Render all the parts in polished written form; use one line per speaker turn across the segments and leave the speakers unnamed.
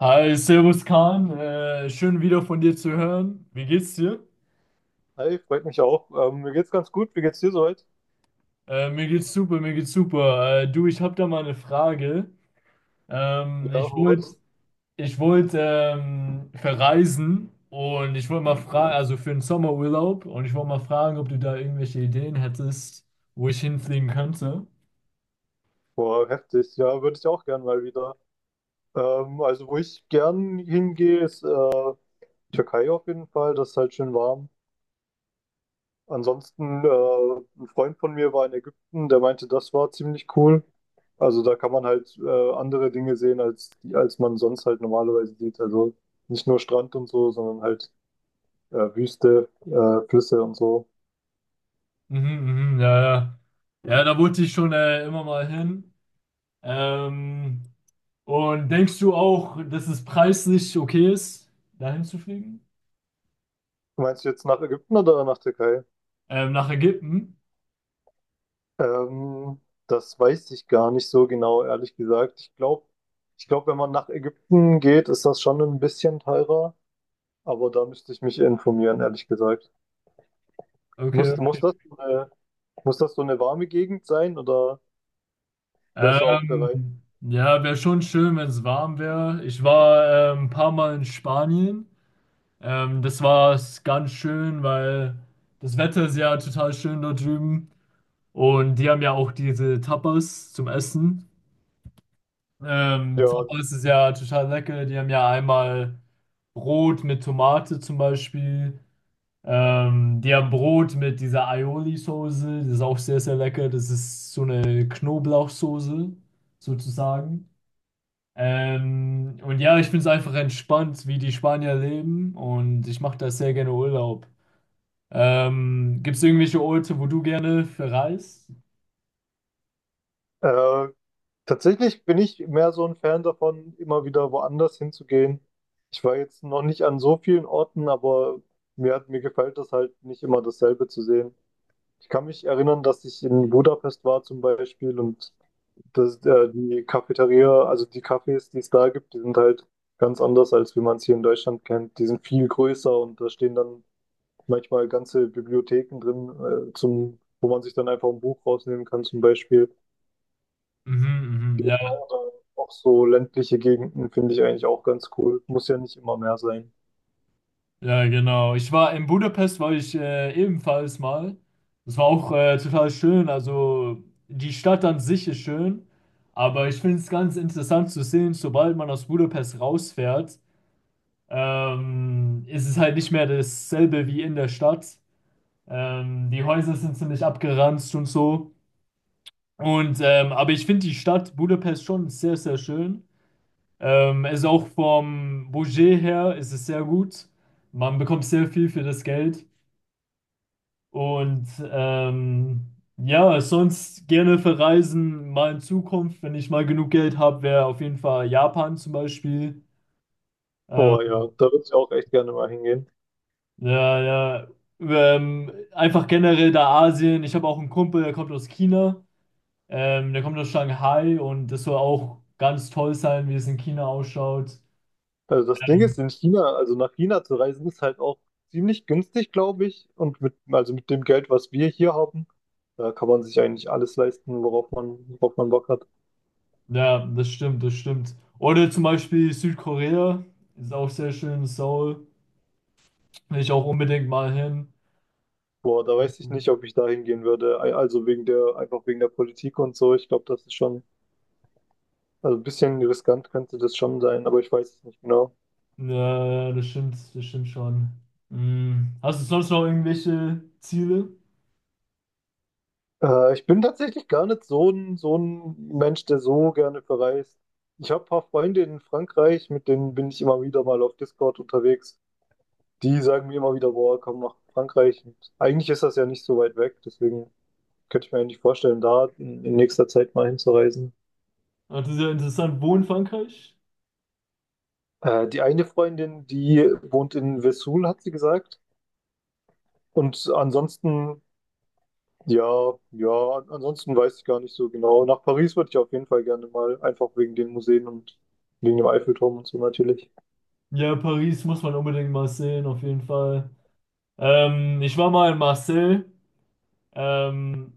Hi, Servus Kahn, schön wieder von dir zu hören. Wie geht's dir?
Hi, freut mich auch. Mir geht's ganz gut. Wie geht's dir soweit?
Mir geht's super, mir geht's super. Du, ich habe da mal eine Frage. Ähm,
Ja,
ich wollte
was?
ich wollt, ähm, verreisen und ich wollte mal fragen, also für den Sommerurlaub, und ich wollte mal fragen, ob du da irgendwelche Ideen hättest, wo ich hinfliegen könnte.
Boah, heftig. Ja, würde ich auch gern mal wieder. Also, wo ich gern hingehe, ist Türkei auf jeden Fall. Das ist halt schön warm. Ansonsten, ein Freund von mir war in Ägypten, der meinte, das war ziemlich cool. Also, da kann man halt andere Dinge sehen, als, als man sonst halt normalerweise sieht. Also, nicht nur Strand und so, sondern halt Wüste, Flüsse und so.
Mhm, mhm, ja, ja. Ja, da wollte ich schon immer mal hin. Ähm, und denkst du auch, dass es preislich okay ist, dahin zu fliegen?
Meinst du jetzt nach Ägypten oder nach Türkei?
Nach Ägypten?
Ähm, Das weiß ich gar nicht so genau, ehrlich gesagt. Ich glaube, wenn man nach Ägypten geht, ist das schon ein bisschen teurer, aber da müsste ich mich informieren, ehrlich gesagt.
Okay,
Muss
okay.
das so eine, muss das so eine warme Gegend sein oder wärst du auch bereit?
Ja, wäre schon schön, wenn es warm wäre. Ich war ein paar Mal in Spanien. Das war ganz schön, weil das Wetter ist ja total schön dort drüben. Und die haben ja auch diese Tapas zum Essen.
Ja,
Tapas ist ja total lecker. Die haben ja einmal Brot mit Tomate zum Beispiel. Die haben Brot mit dieser Aioli-Soße, das ist auch sehr, sehr lecker. Das ist so eine Knoblauchsoße, sozusagen. Und ja, ich finde es einfach entspannt, wie die Spanier leben und ich mache da sehr gerne Urlaub. Gibt es irgendwelche Orte, wo du gerne verreist?
äh, tatsächlich bin ich mehr so ein Fan davon, immer wieder woanders hinzugehen. Ich war jetzt noch nicht an so vielen Orten, aber mir gefällt es halt nicht immer dasselbe zu sehen. Ich kann mich erinnern, dass ich in Budapest war zum Beispiel und die Cafeteria, also die Cafés, die es da gibt, die sind halt ganz anders, als wie man es hier in Deutschland kennt. Die sind viel größer und da stehen dann manchmal ganze Bibliotheken drin, wo man sich dann einfach ein Buch rausnehmen kann zum Beispiel.
Mhm, mhm,
Ja,
ja.
oder auch so ländliche Gegenden finde ich eigentlich auch ganz cool. Muss ja nicht immer mehr sein.
Ja, genau. Ich war in Budapest, war ich ebenfalls mal. Das war auch total schön. Also die Stadt an sich ist schön, aber ich finde es ganz interessant zu sehen, sobald man aus Budapest rausfährt, ist es halt nicht mehr dasselbe wie in der Stadt. Die Häuser sind ziemlich abgeranzt und so. Und aber ich finde die Stadt Budapest schon sehr, sehr schön. Ist auch vom Budget her ist es sehr gut. Man bekommt sehr viel für das Geld. Und ja, sonst gerne verreisen, mal in Zukunft, wenn ich mal genug Geld habe, wäre auf jeden Fall Japan zum Beispiel. Ähm,
Oh ja, da würde ich auch echt gerne mal hingehen.
ja, ja, einfach generell da Asien. Ich habe auch einen Kumpel, der kommt aus China. Der kommt aus Shanghai und das soll auch ganz toll sein, wie es in China ausschaut.
Also das Ding ist, in China, also nach China zu reisen, ist halt auch ziemlich günstig, glaube ich. Und mit, also mit dem Geld, was wir hier haben, da kann man sich eigentlich alles leisten, worauf man Bock hat.
Ja, das stimmt, das stimmt. Oder zum Beispiel Südkorea, ist auch sehr schön, Seoul, will ich auch unbedingt mal hin.
Boah, da weiß ich nicht, ob ich da hingehen würde. Also wegen der, einfach wegen der Politik und so. Ich glaube, das ist schon, also ein bisschen riskant könnte das schon sein, aber ich weiß es nicht genau.
Ja, das stimmt schon. Hm. Hast du sonst noch irgendwelche Ziele?
Ich bin tatsächlich gar nicht so ein, so ein Mensch, der so gerne verreist. Ich habe ein paar Freunde in Frankreich, mit denen bin ich immer wieder mal auf Discord unterwegs. Die sagen mir immer wieder, boah, komm nach Frankreich. Und eigentlich ist das ja nicht so weit weg, deswegen könnte ich mir eigentlich vorstellen, da in nächster Zeit mal hinzureisen.
Ah, das ist ja interessant. Wo in Frankreich?
Die eine Freundin, die wohnt in Vesoul, hat sie gesagt. Und ansonsten, ja, ja, ansonsten weiß ich gar nicht so genau. Nach Paris würde ich auf jeden Fall gerne mal, einfach wegen den Museen und wegen dem Eiffelturm und so natürlich.
Ja, Paris muss man unbedingt mal sehen, auf jeden Fall. Ich war mal in Marseille. Ähm,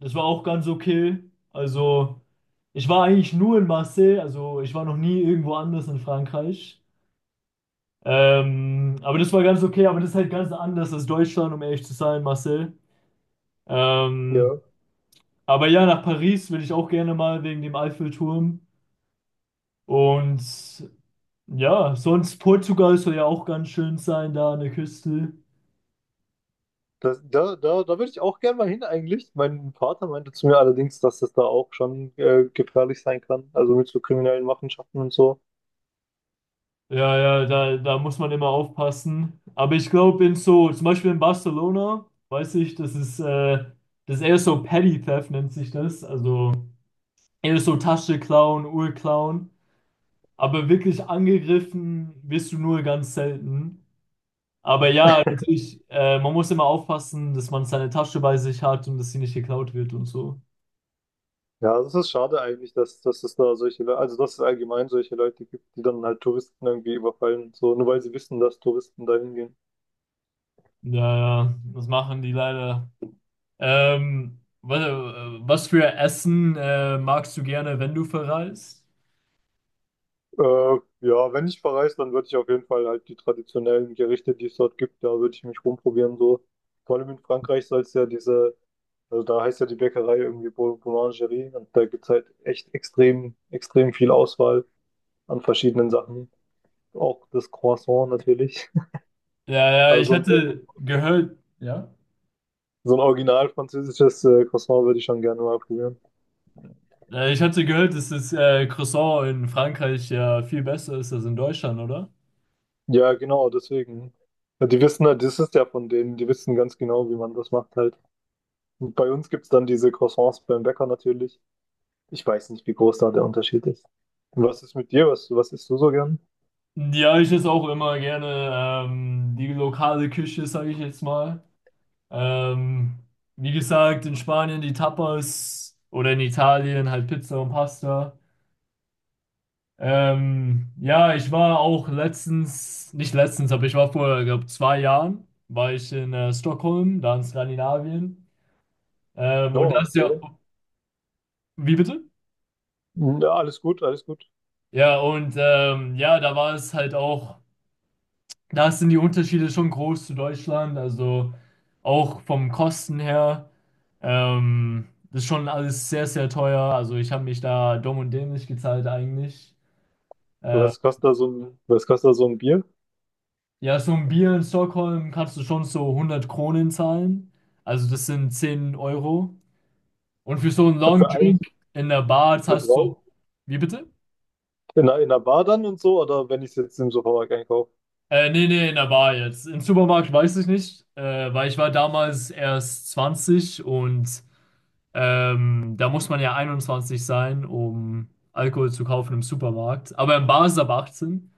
Das war auch ganz okay. Also, ich war eigentlich nur in Marseille. Also, ich war noch nie irgendwo anders in Frankreich. Aber das war ganz okay. Aber das ist halt ganz anders als Deutschland, um ehrlich zu sein, Marseille. Ähm,
Ja.
Aber ja, nach Paris will ich auch gerne mal wegen dem Eiffelturm. Und ja, sonst Portugal soll ja auch ganz schön sein, da an der Küste.
Das, da würde ich auch gerne mal hin eigentlich. Mein Vater meinte zu mir allerdings, dass das da auch schon gefährlich sein kann, also mit so kriminellen Machenschaften und so.
Ja, ja, da muss man immer aufpassen. Aber ich glaube, in so, zum Beispiel in Barcelona, weiß ich, das ist eher so Petty Theft, nennt sich das. Also eher so Tasche klauen, Uhr klauen. Aber wirklich angegriffen wirst du nur ganz selten. Aber ja, natürlich, man muss immer aufpassen, dass man seine Tasche bei sich hat und dass sie nicht geklaut wird und so.
Ja, das ist schade eigentlich, dass, dass es da solche Leute, also dass es allgemein solche Leute gibt, die dann halt Touristen irgendwie überfallen, und so, nur weil sie wissen, dass Touristen da hingehen.
Ja, ja, das machen die leider. Ähm, was, was für Essen magst du gerne, wenn du verreist?
Äh, ja, wenn ich verreise, dann würde ich auf jeden Fall halt die traditionellen Gerichte, die es dort gibt, da würde ich mich rumprobieren, so. Vor allem in Frankreich soll es ja diese... Also da heißt ja die Bäckerei irgendwie Boulangerie und da gibt es halt echt extrem, extrem viel Auswahl an verschiedenen Sachen. Auch das Croissant natürlich.
Ja, ja,
Also so ein original französisches Croissant würde ich schon gerne mal probieren.
ich hatte gehört, dass das Croissant in Frankreich ja viel besser ist als in Deutschland, oder?
Ja, genau, deswegen. Ja, die wissen halt, das ist ja von denen, die wissen ganz genau, wie man das macht halt. Und bei uns gibt es dann diese Croissants beim Bäcker natürlich. Ich weiß nicht, wie groß da der Unterschied ist. Und was ist mit dir? Was isst du so gern?
Ja, ich esse auch immer gerne die lokale Küche, sage ich jetzt mal. Ähm, Wie gesagt, in Spanien die Tapas oder in Italien halt Pizza und Pasta. Ja, ich war auch letztens, nicht letztens, aber ich war vor, glaube 2 Jahren, war ich in Stockholm, da in Skandinavien. Ähm,
Ja,
und das ja,
okay.
wie bitte?
Ja, alles gut, alles gut.
Ja, und ja, da war es halt auch. Da sind die Unterschiede schon groß zu Deutschland, also auch vom Kosten her. Das ist schon alles sehr, sehr teuer. Also ich habe mich da dumm und dämlich gezahlt eigentlich. Äh,
Was kostet da so ein Bier?
ja, so ein Bier in Stockholm kannst du schon so 100 Kronen zahlen. Also das sind 10 Euro. Und für so einen Long
Für einen,
Drink in der Bar
für
zahlst du...
drau
Wie bitte?
In einer, in einer Bar dann und so, oder wenn ich es jetzt im Supermarkt einkaufe?
Nee, nee, in der Bar jetzt. Im Supermarkt weiß ich nicht, weil ich war damals erst 20 und da muss man ja 21 sein, um Alkohol zu kaufen im Supermarkt. Aber in Bars ab 18.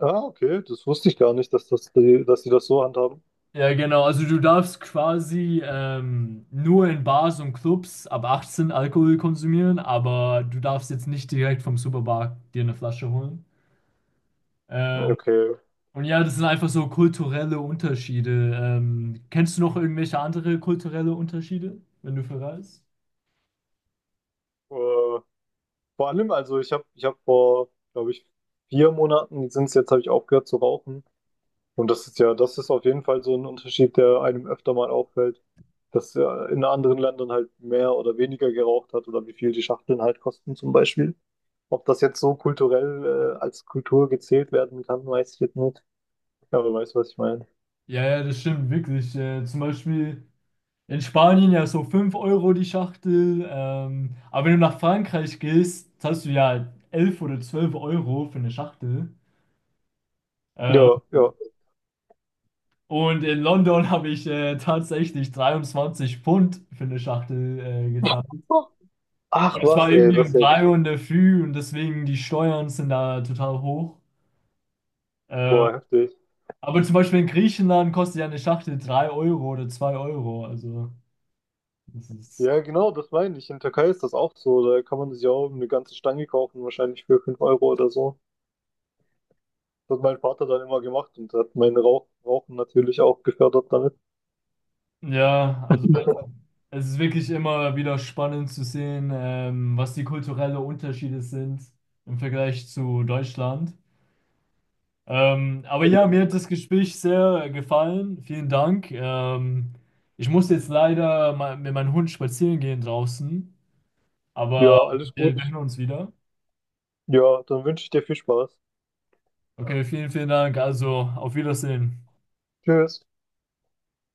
Ah, okay, das wusste ich gar nicht, dass die das so handhaben.
Ja, genau. Also du darfst quasi nur in Bars und Clubs ab 18 Alkohol konsumieren, aber du darfst jetzt nicht direkt vom Supermarkt dir eine Flasche holen. Ähm,
Okay.
und ja, das sind einfach so kulturelle Unterschiede. Kennst du noch irgendwelche andere kulturelle Unterschiede, wenn du verreist?
Äh, Vor allem, ich hab vor, glaube ich, 4 Monaten sind es jetzt, habe ich aufgehört zu rauchen. Und das ist ja, das ist auf jeden Fall so ein Unterschied, der einem öfter mal auffällt, dass ja in anderen Ländern halt mehr oder weniger geraucht hat oder wie viel die Schachteln halt kosten zum Beispiel. Ob das jetzt so kulturell als Kultur gezählt werden kann, weiß ich jetzt nicht. Aber du weißt, was ich meine.
Ja, ja, das stimmt wirklich. Zum Beispiel. In Spanien ja so 5 Euro die Schachtel. Aber wenn du nach Frankreich gehst, zahlst du ja 11 oder 12 Euro für eine Schachtel.
Ja,
Äh,
ja.
und in London habe ich tatsächlich 23 Pfund für eine Schachtel gezahlt.
Oh, ach
Und es war
was, ey,
irgendwie
das
um
ist ja
3
richtig.
Uhr in der Früh und deswegen die Steuern sind da total hoch. Äh,
Boah, heftig.
aber zum Beispiel in Griechenland kostet ja eine Schachtel 3 Euro oder 2 Euro. Also, das ist.
Ja, genau, das meine ich. In Türkei ist das auch so. Da kann man sich ja auch eine ganze Stange kaufen, wahrscheinlich für 5 € oder so. Das hat mein Vater dann immer gemacht und hat mein Rauchen natürlich auch gefördert damit.
Ja, also. Es ist wirklich immer wieder spannend zu sehen, was die kulturellen Unterschiede sind im Vergleich zu Deutschland. Aber ja, mir hat das Gespräch sehr gefallen. Vielen Dank. Ich muss jetzt leider mal mit meinem Hund spazieren gehen draußen,
Ja,
aber
alles
wir
gut.
hören uns wieder.
Ja, dann wünsche ich dir viel Spaß.
Okay, vielen, vielen Dank. Also, auf Wiedersehen.
Tschüss.